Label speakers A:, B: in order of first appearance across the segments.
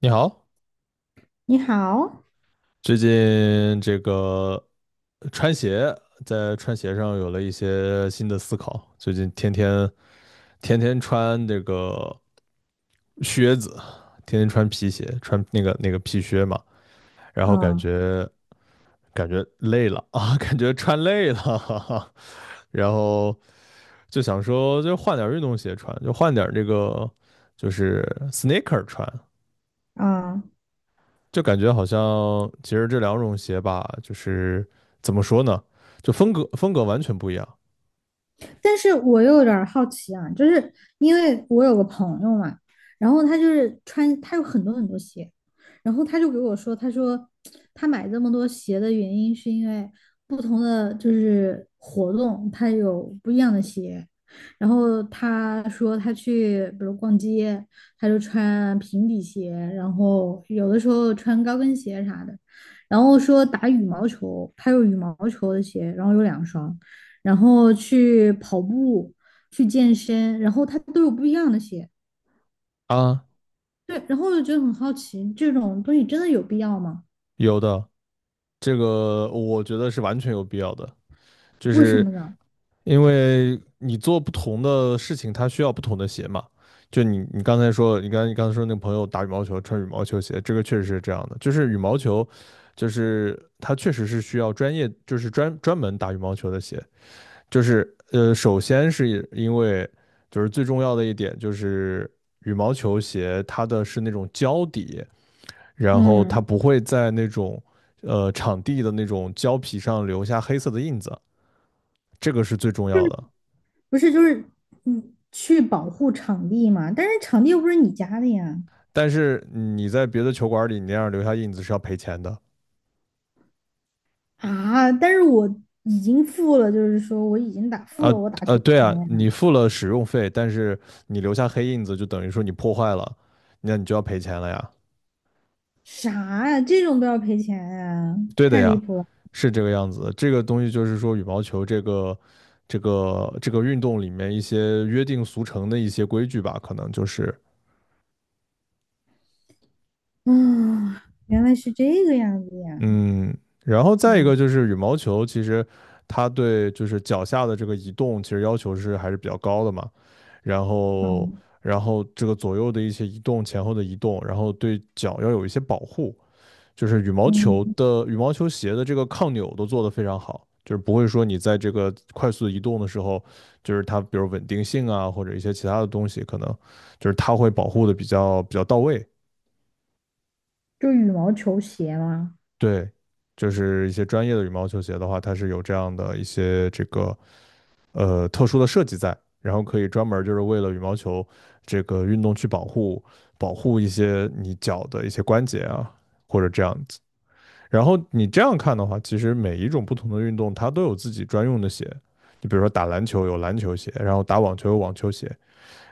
A: 你好，
B: 你好。
A: 最近这个穿鞋，在穿鞋上有了一些新的思考。最近天天穿这个靴子，天天穿皮鞋，穿那个皮靴嘛，然后感
B: 嗯
A: 觉感觉累了啊，感觉穿累了，哈哈，然后就想说，就换点儿运动鞋穿，就换点儿这个就是 sneaker 穿。
B: 嗯，
A: 就感觉好像其实这两种鞋吧，就是怎么说呢，就风格完全不一样。
B: 但是我又有点好奇啊，就是因为我有个朋友嘛，然后他就是穿，他有很多很多鞋，然后他就给我说，他说他买这么多鞋的原因是因为不同的就是活动，他有不一样的鞋。然后他说他去，比如逛街，他就穿平底鞋，然后有的时候穿高跟鞋啥的。然后说打羽毛球，他有羽毛球的鞋，然后有两双。然后去跑步、去健身，然后他都有不一样的鞋。
A: 啊，
B: 对，然后我就觉得很好奇，这种东西真的有必要吗？
A: 有的，这个我觉得是完全有必要的。就
B: 为什
A: 是
B: 么呢？
A: 因为你做不同的事情，它需要不同的鞋嘛。就你刚才说，你刚才说那个朋友打羽毛球穿羽毛球鞋，这个确实是这样的。就是羽毛球，就是它确实是需要专业，就是专门打羽毛球的鞋。就是首先是因为就是最重要的一点就是羽毛球鞋它的是那种胶底，然后它
B: 嗯，
A: 不会在那种场地的那种胶皮上留下黑色的印子，这个是最重
B: 就
A: 要
B: 是
A: 的。
B: 不是就是去保护场地嘛？但是场地又不是你家的呀。
A: 但是你在别的球馆里，你那样留下印子是要赔钱的。
B: 啊，但是我已经付了，就是说我已经打
A: 啊
B: 我打球的
A: 对啊，
B: 钱呀。
A: 你付了使用费，但是你留下黑印子，就等于说你破坏了，那你就要赔钱了呀。
B: 啥呀？这种都要赔钱呀？
A: 对的
B: 太离
A: 呀，
B: 谱了。
A: 是这个样子的。这个东西就是说，羽毛球这个这个运动里面一些约定俗成的一些规矩吧，可能就是
B: 啊，原来是这个样子呀。
A: 嗯，然后再一个
B: 嗯，
A: 就是羽毛球，其实它对就是脚下的这个移动，其实要求是还是比较高的嘛。然
B: 好，
A: 后然后这个左右的一些移动、前后的移动，然后对脚要有一些保护，就是羽毛球
B: 嗯。
A: 的羽毛球鞋的这个抗扭都做得非常好，就是不会说你在这个快速移动的时候，就是它比如稳定性啊或者一些其他的东西，可能就是它会保护的比较到位，
B: 就羽毛球鞋嘛。
A: 对。就是一些专业的羽毛球鞋的话，它是有这样的一些这个特殊的设计在，然后可以专门就是为了羽毛球这个运动去保护一些你脚的一些关节啊，或者这样子。然后你这样看的话，其实每一种不同的运动它都有自己专用的鞋，你比如说打篮球有篮球鞋，然后打网球有网球鞋，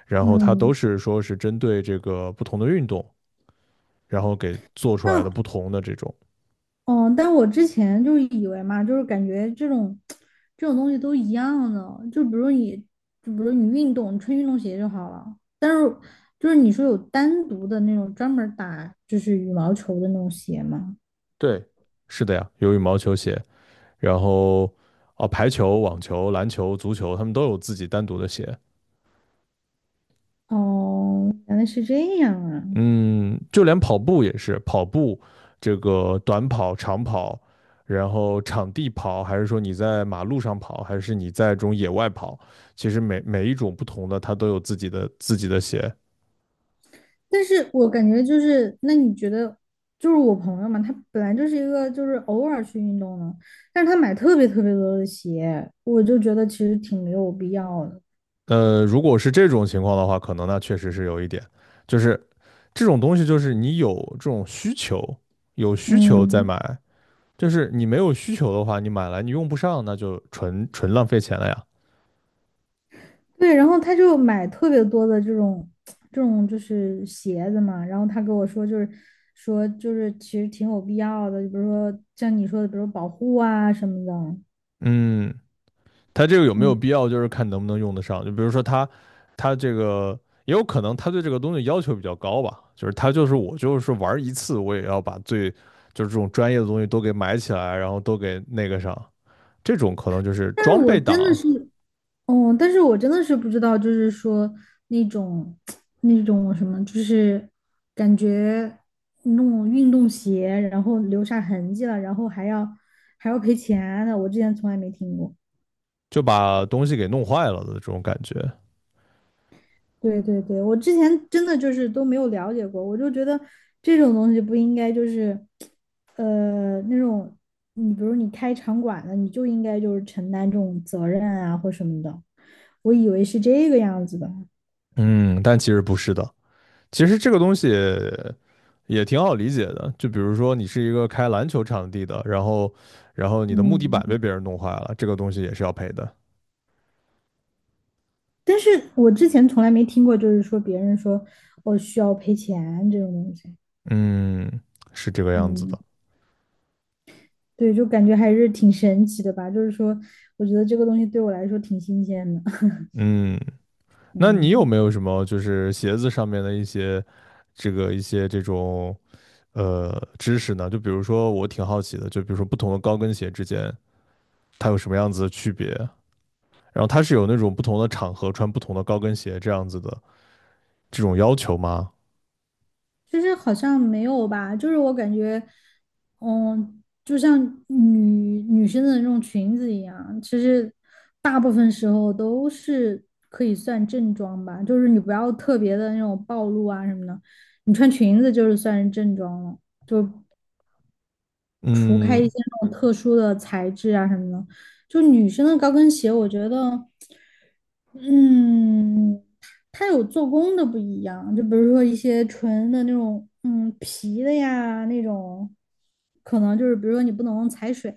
A: 然后它都
B: 嗯，
A: 是说是针对这个不同的运动，然后给做出来的
B: 那
A: 不同的这种。
B: 哦，但我之前就是以为嘛，就是感觉这种东西都一样的，就比如你，就比如你运动，你穿运动鞋就好了。但是就是你说有单独的那种专门儿打就是羽毛球的那种鞋吗？
A: 对，是的呀，有羽毛球鞋，然后哦，排球、网球、篮球、足球，他们都有自己单独的鞋。
B: 哦，原来是这样啊。
A: 嗯，就连跑步也是，跑步这个短跑、长跑，然后场地跑，还是说你在马路上跑，还是你在这种野外跑，其实每一种不同的，它都有自己的鞋。
B: 但是我感觉就是，那你觉得，就是我朋友嘛，他本来就是一个就是偶尔去运动的，但是他买特别特别多的鞋，我就觉得其实挺没有必要的。
A: 如果是这种情况的话，可能那确实是有一点，就是这种东西，就是你有这种需求，有需求再
B: 嗯，
A: 买，就是你没有需求的话，你买来你用不上，那就纯纯浪费钱了呀。
B: 对，然后他就买特别多的这种就是鞋子嘛，然后他跟我说就是说就是其实挺有必要的，比如说像你说的，比如保护啊什么的。
A: 嗯，他这个有没有
B: 嗯，
A: 必要，就是看能不能用得上。就比如说他，他这个也有可能他对这个东西要求比较高吧，就是他就是我就是玩一次，我也要把最就是这种专业的东西都给买起来，然后都给那个上。这种可能就是
B: 但是
A: 装
B: 我
A: 备
B: 真的
A: 党
B: 是哦，但是我真的是不知道，就是说那种 那种什么，就是感觉弄运动鞋，然后留下痕迹了，然后还要赔钱的，我之前从来没听过。
A: 就把东西给弄坏了的这种感觉。
B: 对对对，我之前真的就是都没有了解过，我就觉得这种东西不应该就是，那种你比如你开场馆的，你就应该就是承担这种责任啊或什么的，我以为是这个样子的，
A: 嗯，但其实不是的。其实这个东西也挺好理解的，就比如说你是一个开篮球场地的，然后然后你的木地板被
B: 嗯。
A: 别人弄坏了，这个东西也是要赔的。
B: 但是我之前从来没听过，就是说别人说我哦需要赔钱这种东西。
A: 嗯，是这个样子
B: 嗯，
A: 的。
B: 对，就感觉还是挺神奇的吧。就是说，我觉得这个东西对我来说挺新鲜的。
A: 嗯，那你有没
B: 嗯，
A: 有什么就是鞋子上面的一些这个一些这种知识呢？就比如说我挺好奇的，就比如说不同的高跟鞋之间它有什么样子的区别？然后它是有那种不同的场合穿不同的高跟鞋这样子的这种要求吗？
B: 就是好像没有吧，就是我感觉，嗯，就像女女生的那种裙子一样，其实大部分时候都是可以算正装吧，就是你不要特别的那种暴露啊什么的，你穿裙子就是算是正装了。除开一
A: 嗯，
B: 些那种特殊的材质啊什么的，就女生的高跟鞋，我觉得嗯，它有做工的不一样，就比如说一些纯的那种，嗯，皮的呀，那种，可能就是比如说你不能踩水，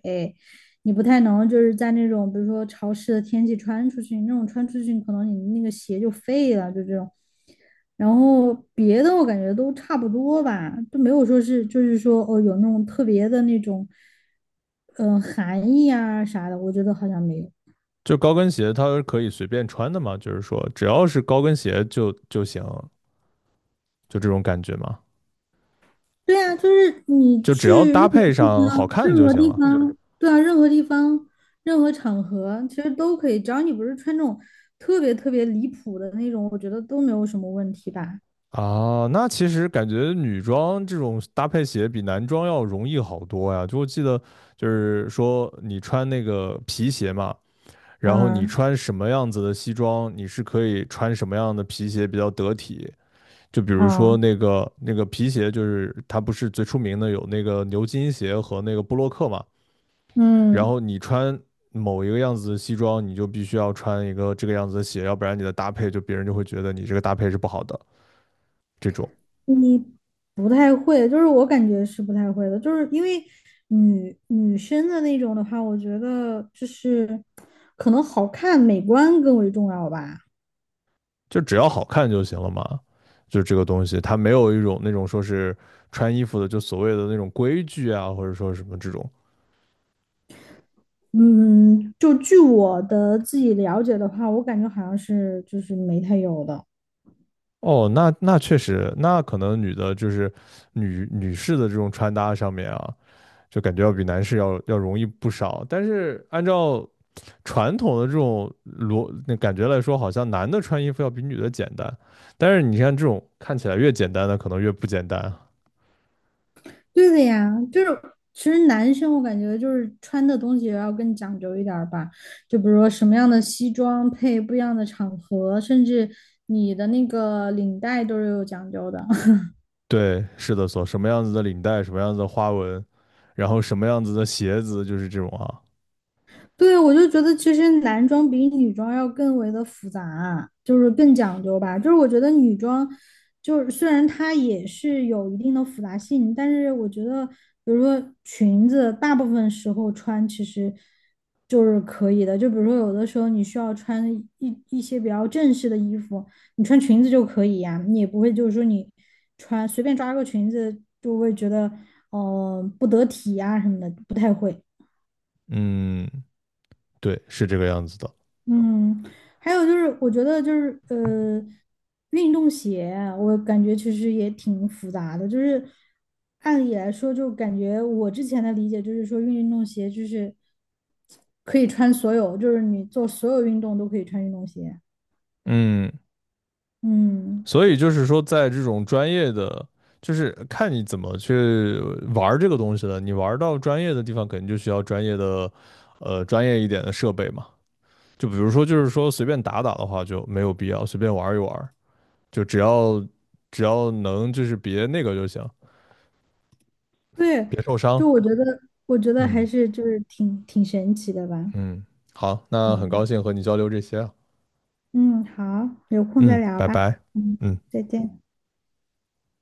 B: 你不太能就是在那种比如说潮湿的天气穿出去，那种穿出去可能你那个鞋就废了，就这种。然后别的我感觉都差不多吧，都没有说是就是说哦有那种特别的那种，嗯、含义啊啥的，我觉得好像没有。
A: 就高跟鞋它是可以随便穿的吗？就是说只要是高跟鞋就行，就这种感觉吗？
B: 对啊，就是你
A: 就只要
B: 去任
A: 搭
B: 何
A: 配
B: 地
A: 上好
B: 方，
A: 看
B: 任
A: 就
B: 何
A: 行
B: 地
A: 了。
B: 方，对啊，任何地方，任何场合，其实都可以，只要你不是穿那种特别特别离谱的那种，我觉得都没有什么问题吧。
A: 啊，那其实感觉女装这种搭配鞋比男装要容易好多呀。就我记得，就是说你穿那个皮鞋嘛，然后你
B: 嗯
A: 穿什么样子的西装，你是可以穿什么样的皮鞋比较得体。就比如说
B: 嗯
A: 那个皮鞋，就是它不是最出名的有那个牛津鞋和那个布洛克嘛。然
B: 嗯，
A: 后你穿某一个样子的西装，你就必须要穿一个这个样子的鞋，要不然你的搭配就别人就会觉得你这个搭配是不好的这种。
B: 你不太会，就是我感觉是不太会的，就是因为女生的那种的话，我觉得就是可能好看美观更为重要吧。
A: 就只要好看就行了嘛。就这个东西，它没有一种那种说是穿衣服的，就所谓的那种规矩啊，或者说什么这种。
B: 嗯，就据我的自己了解的话，我感觉好像是就是没太有的。
A: 哦，那那确实，那可能女的就是女士的这种穿搭上面啊，就感觉要比男士要容易不少。但是按照传统的这种逻那感觉来说，好像男的穿衣服要比女的简单。但是你看这种看起来越简单的，可能越不简单。
B: 对的呀，就是其实男生我感觉就是穿的东西也要更讲究一点儿吧，就比如说什么样的西装配不一样的场合，甚至你的那个领带都是有讲究的。
A: 对，是的所，什么样子的领带，什么样子的花纹，然后什么样子的鞋子，就是这种啊。
B: 对，我就觉得其实男装比女装要更为的复杂啊，就是更讲究吧。就是我觉得女装，就是虽然它也是有一定的复杂性，但是我觉得，比如说裙子，大部分时候穿其实就是可以的。就比如说有的时候你需要穿一些比较正式的衣服，你穿裙子就可以呀、你也不会就是说你穿随便抓个裙子就会觉得，不得体呀、什么的，不太会。
A: 嗯，对，是这个样子的。
B: 嗯，还有就是，我觉得就是运动鞋啊我感觉其实也挺复杂的。就是按理来说，就感觉我之前的理解就是说，运动鞋就是可以穿所有，就是你做所有运动都可以穿运动鞋。
A: 嗯，
B: 嗯，
A: 所以就是说，在这种专业的，就是看你怎么去玩儿这个东西了。你玩儿到专业的地方，肯定就需要专业的，专业一点的设备嘛。就比如说，就是说随便打打的话就没有必要，随便玩一玩，就只要能就是别那个就行，
B: 对，
A: 别受伤。
B: 就我觉得，我觉得还
A: 嗯。
B: 是就是挺神奇的吧。
A: 嗯，好，那很高
B: 嗯
A: 兴和你交流这些啊。
B: 嗯，好，有空再
A: 嗯，
B: 聊
A: 拜
B: 吧。
A: 拜。
B: 嗯，
A: 嗯。
B: 再见。